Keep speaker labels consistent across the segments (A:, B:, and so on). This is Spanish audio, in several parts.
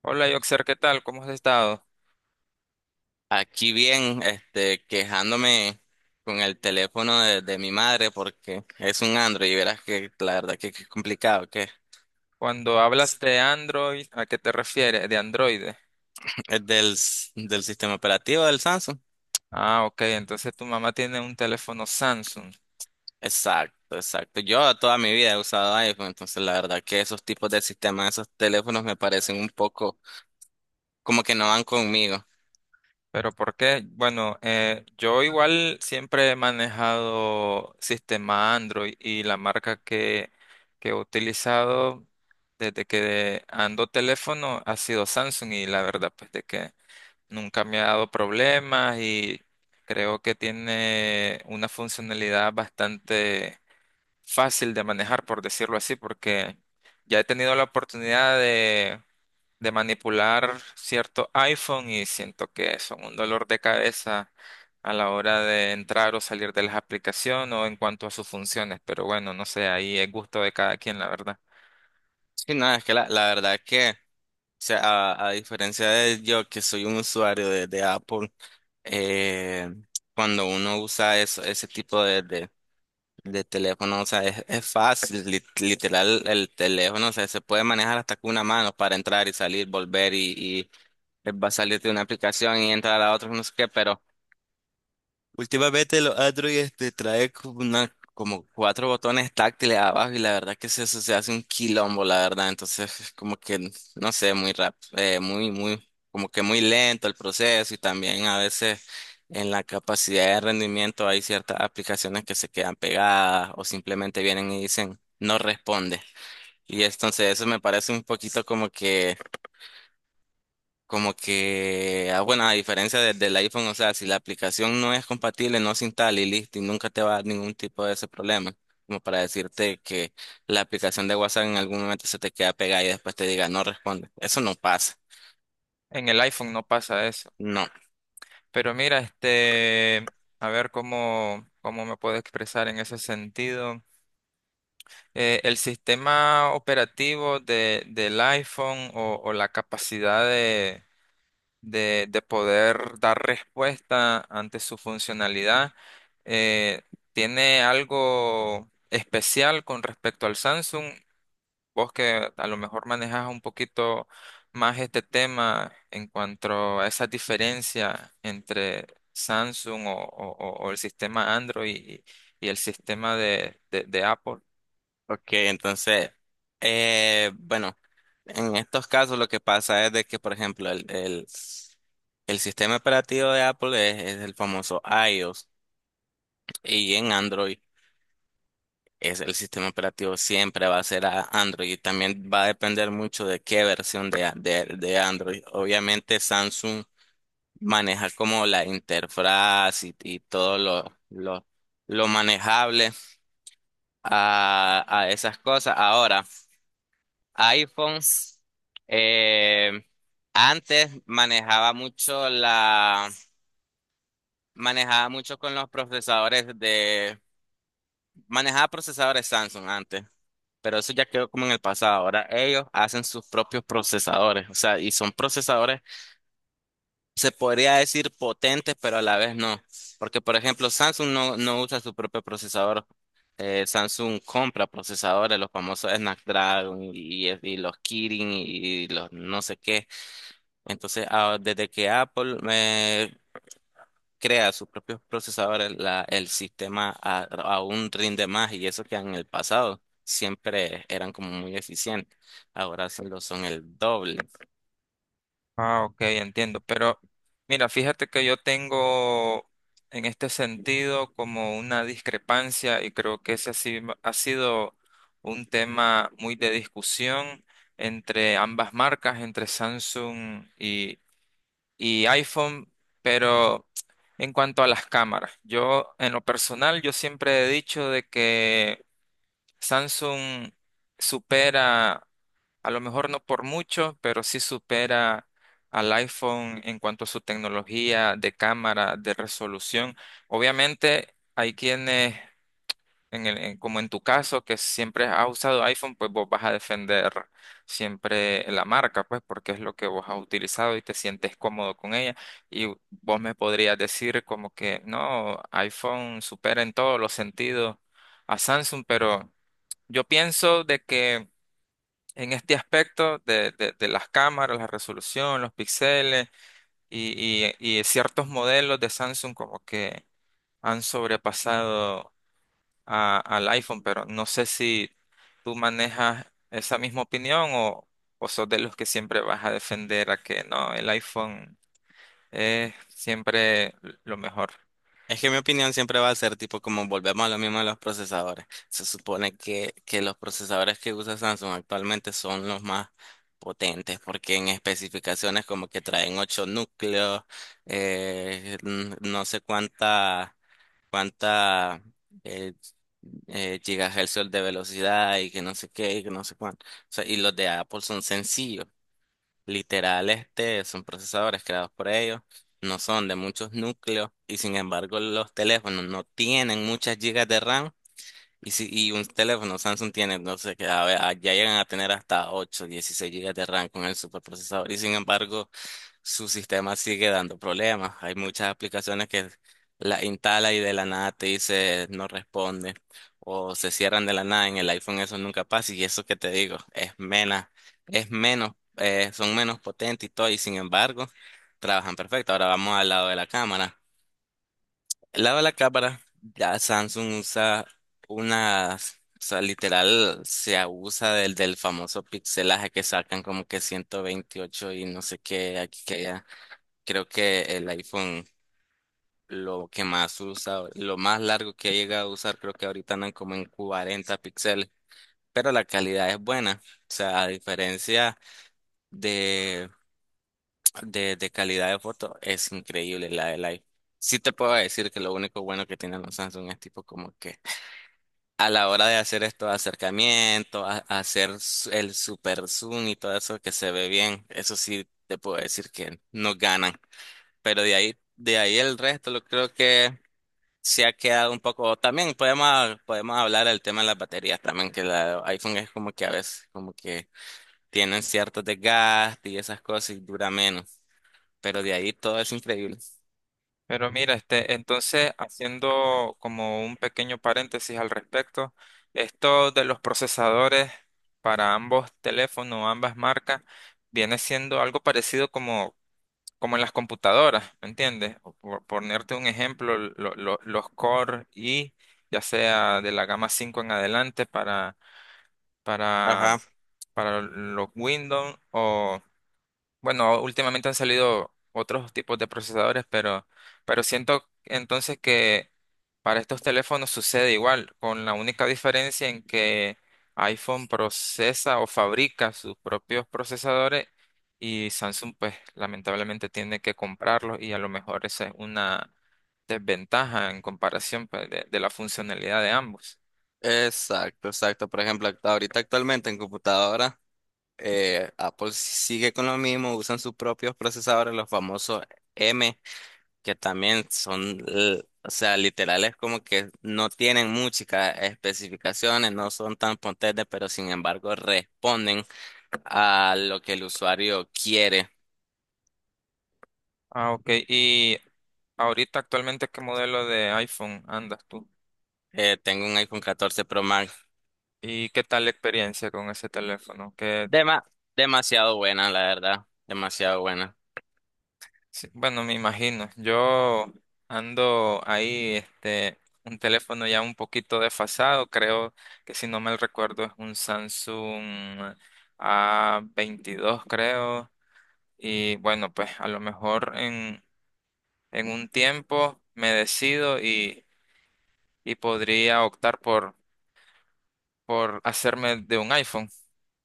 A: Hola, Yoxer, ¿qué tal? ¿Cómo has estado?
B: Aquí bien, quejándome con el teléfono de mi madre porque es un Android y verás que la verdad que es complicado, que
A: Cuando hablas de Android, ¿a qué te refieres? De Android.
B: es del sistema operativo del Samsung.
A: Ah, ok, entonces tu mamá tiene un teléfono Samsung.
B: Exacto, exacto. Yo toda mi vida he usado iPhone, entonces la verdad que esos tipos de sistemas, esos teléfonos me parecen un poco como que no van conmigo.
A: ¿Pero por qué? Bueno, yo igual siempre he manejado sistema Android y la marca que he utilizado desde que ando teléfono ha sido Samsung y la verdad pues de que nunca me ha dado problemas y creo que tiene una funcionalidad bastante fácil de manejar, por decirlo así, porque ya he tenido la oportunidad de manipular cierto iPhone y siento que son un dolor de cabeza a la hora de entrar o salir de las aplicaciones o en cuanto a sus funciones, pero bueno, no sé, ahí es gusto de cada quien, la verdad.
B: Sí, no, es que la verdad que, o sea, a diferencia de yo que soy un usuario de Apple, eh, cuando uno usa eso, ese tipo de teléfono, o sea, es fácil, literal, el teléfono, o sea, se puede manejar hasta con una mano para entrar y salir, volver y va a salir de una aplicación y entrar a otra, no sé qué, pero últimamente los Android trae como, como cuatro botones táctiles abajo y la verdad que se hace un quilombo, la verdad. Entonces, es como que, no sé, como que muy lento el proceso y también a veces en la capacidad de rendimiento hay ciertas aplicaciones que se quedan pegadas o simplemente vienen y dicen no responde. Y entonces eso me parece un poquito como que, bueno, a diferencia del iPhone, o sea, si la aplicación no es compatible, no se instala y listo, y nunca te va a dar ningún tipo de ese problema. Como para decirte que la aplicación de WhatsApp en algún momento se te queda pegada y después te diga no responde. Eso no pasa.
A: En el iPhone no pasa eso.
B: No.
A: Pero mira, este, a ver cómo me puedo expresar en ese sentido. El sistema operativo del iPhone o la capacidad de poder dar respuesta ante su funcionalidad eh, tiene algo especial con respecto al Samsung. Vos que a lo mejor manejas un poquito más este tema en cuanto a esa diferencia entre Samsung o el sistema Android y el sistema de Apple.
B: Ok, entonces, bueno, en estos casos lo que pasa es de que, por ejemplo, el sistema operativo de Apple es el famoso iOS y en Android, es el sistema operativo, siempre va a ser a Android, y también va a depender mucho de qué versión de Android. Obviamente Samsung maneja como la interfaz y todo lo manejable a esas cosas. Ahora, iPhone, eh, antes manejaba mucho con los procesadores manejaba procesadores Samsung antes. Pero eso ya quedó como en el pasado. Ahora ellos hacen sus propios procesadores, o sea, y son procesadores, se podría decir potentes, pero a la vez no. Porque, por ejemplo, Samsung no usa su propio procesador. Samsung compra procesadores, los famosos Snapdragon y los Kirin y los no sé qué. Entonces, desde que Apple crea sus propios procesadores, el sistema aún rinde más, y eso que en el pasado siempre eran como muy eficientes, ahora sí lo son el doble.
A: Ah, ok, entiendo. Pero mira, fíjate que yo tengo en este sentido como una discrepancia y creo que ese ha si- ha sido un tema muy de discusión entre ambas marcas, entre Samsung y iPhone, pero en cuanto a las cámaras, yo en lo personal, yo siempre he dicho de que Samsung supera a lo mejor no por mucho, pero sí supera al iPhone en cuanto a su tecnología de cámara, de resolución. Obviamente, hay quienes, como en tu caso, que siempre has usado iPhone, pues vos vas a defender siempre la marca, pues porque es lo que vos has utilizado y te sientes cómodo con ella. Y vos me podrías decir como que no, iPhone supera en todos los sentidos a Samsung, pero yo pienso de que en este aspecto de las cámaras, la resolución, los píxeles y ciertos modelos de Samsung como que han sobrepasado al iPhone, pero no sé si tú manejas esa misma opinión o sos de los que siempre vas a defender a que no, el iPhone es siempre lo mejor.
B: Es que mi opinión siempre va a ser tipo como volvemos a lo mismo de los procesadores. Se supone que los procesadores que usa Samsung actualmente son los más potentes porque en especificaciones como que traen ocho núcleos, no sé cuánta eh, gigahercios de velocidad y que no sé qué y que no sé cuánto. O sea, y los de Apple son sencillos, literal, son procesadores creados por ellos, no son de muchos núcleos y sin embargo los teléfonos no tienen muchas gigas de RAM. Y, si, y un teléfono Samsung tiene, no sé qué, a ver, ya llegan a tener hasta 8 16 gigas de RAM con el superprocesador. Y sin embargo, su sistema sigue dando problemas. Hay muchas aplicaciones que la instala y de la nada te dice no responde o se cierran de la nada. En el iPhone eso nunca pasa, y eso que te digo es menos, son menos potentes y todo, y sin embargo trabajan perfecto. Ahora vamos al lado de la cámara. El lado de la cámara, ya Samsung usa unas, o sea, literal se abusa del famoso pixelaje que sacan como que 128 y no sé qué aquí que allá. Creo que el iPhone lo que más usa, lo más largo que ha llegado a usar, creo que ahorita andan como en 40 píxeles, pero la calidad es buena. O sea, a diferencia de, de calidad de foto, es increíble la del iPhone. Sí te puedo decir que lo único bueno que tienen los Samsung es tipo como que a la hora de hacer estos acercamientos, a hacer el super zoom y todo eso que se ve bien, eso sí te puedo decir que no ganan. Pero de ahí el resto lo creo que se ha quedado un poco. También podemos hablar del tema de las baterías también, que la iPhone es como que a veces como que tienen ciertos desgastes y esas cosas y dura menos. Pero de ahí todo es increíble.
A: Pero mira, este, entonces, haciendo como un pequeño paréntesis al respecto, esto de los procesadores para ambos teléfonos, ambas marcas, viene siendo algo parecido como en las computadoras, ¿me entiendes? O por, ponerte un ejemplo, los Core i, ya sea de la gama 5 en adelante para,
B: Ajá.
A: para los Windows, bueno, últimamente han salido otros tipos de procesadores, pero siento entonces que para estos teléfonos sucede igual, con la única diferencia en que iPhone procesa o fabrica sus propios procesadores y Samsung pues lamentablemente tiene que comprarlos y a lo mejor esa es una desventaja en comparación pues, de la funcionalidad de ambos.
B: Exacto, exacto. Por ejemplo, ahorita actualmente en computadora, Apple sigue con lo mismo, usan sus propios procesadores, los famosos que también son, o sea, literales como que no tienen muchas especificaciones, no son tan potentes, pero sin embargo responden a lo que el usuario quiere.
A: Ah, ok. ¿Y ahorita actualmente qué modelo de iPhone andas tú?
B: Tengo un iPhone 14 Pro Max.
A: ¿Y qué tal la experiencia con ese teléfono? Que,
B: Dema- Demasiado buena, la verdad. Demasiado buena.
A: sí, bueno, me imagino. Yo ando ahí, este, un teléfono ya un poquito desfasado. Creo que si no mal recuerdo es un Samsung A22, creo. Y bueno, pues a lo mejor en un tiempo me decido y podría optar por hacerme de un iPhone.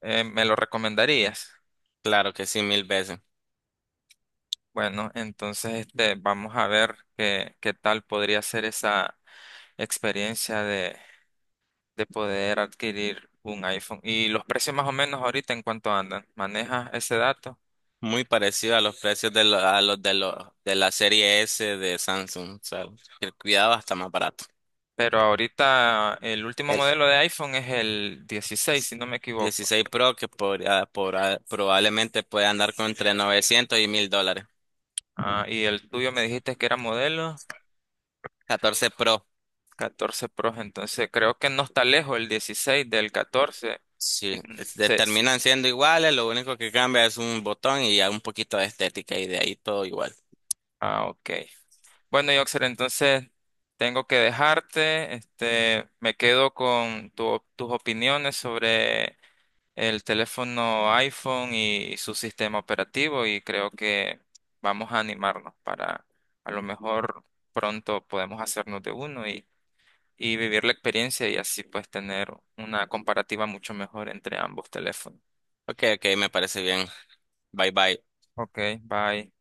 A: ¿Me lo recomendarías?
B: Claro que sí, mil veces.
A: Bueno, entonces este, vamos a ver qué tal podría ser esa experiencia de poder adquirir un iPhone. Y los precios más o menos ahorita en cuánto andan. ¿Manejas ese dato?
B: Muy parecido a los precios a los de la serie S de Samsung. O sea, el cuidado está más barato.
A: Pero ahorita el último
B: El-
A: modelo de iPhone es el 16, si no me equivoco.
B: 16 Pro que probablemente puede andar con entre $900 y $1,000.
A: Ah, y el tuyo me dijiste que era modelo
B: 14 Pro,
A: 14 Pro, entonces creo que no está lejos el 16 del 14.
B: sí,
A: Ujú. Sí. Sí.
B: terminan siendo iguales, lo único que cambia es un botón y ya un poquito de estética y de ahí todo igual.
A: Ah, ok. Bueno, Yoxer, entonces tengo que dejarte. Este, me quedo con tus opiniones sobre el teléfono iPhone y su sistema operativo y creo que vamos a animarnos para a lo mejor pronto podemos hacernos de uno y vivir la experiencia y así pues tener una comparativa mucho mejor entre ambos teléfonos.
B: Ok, ok, me parece bien. Bye bye.
A: Ok, bye.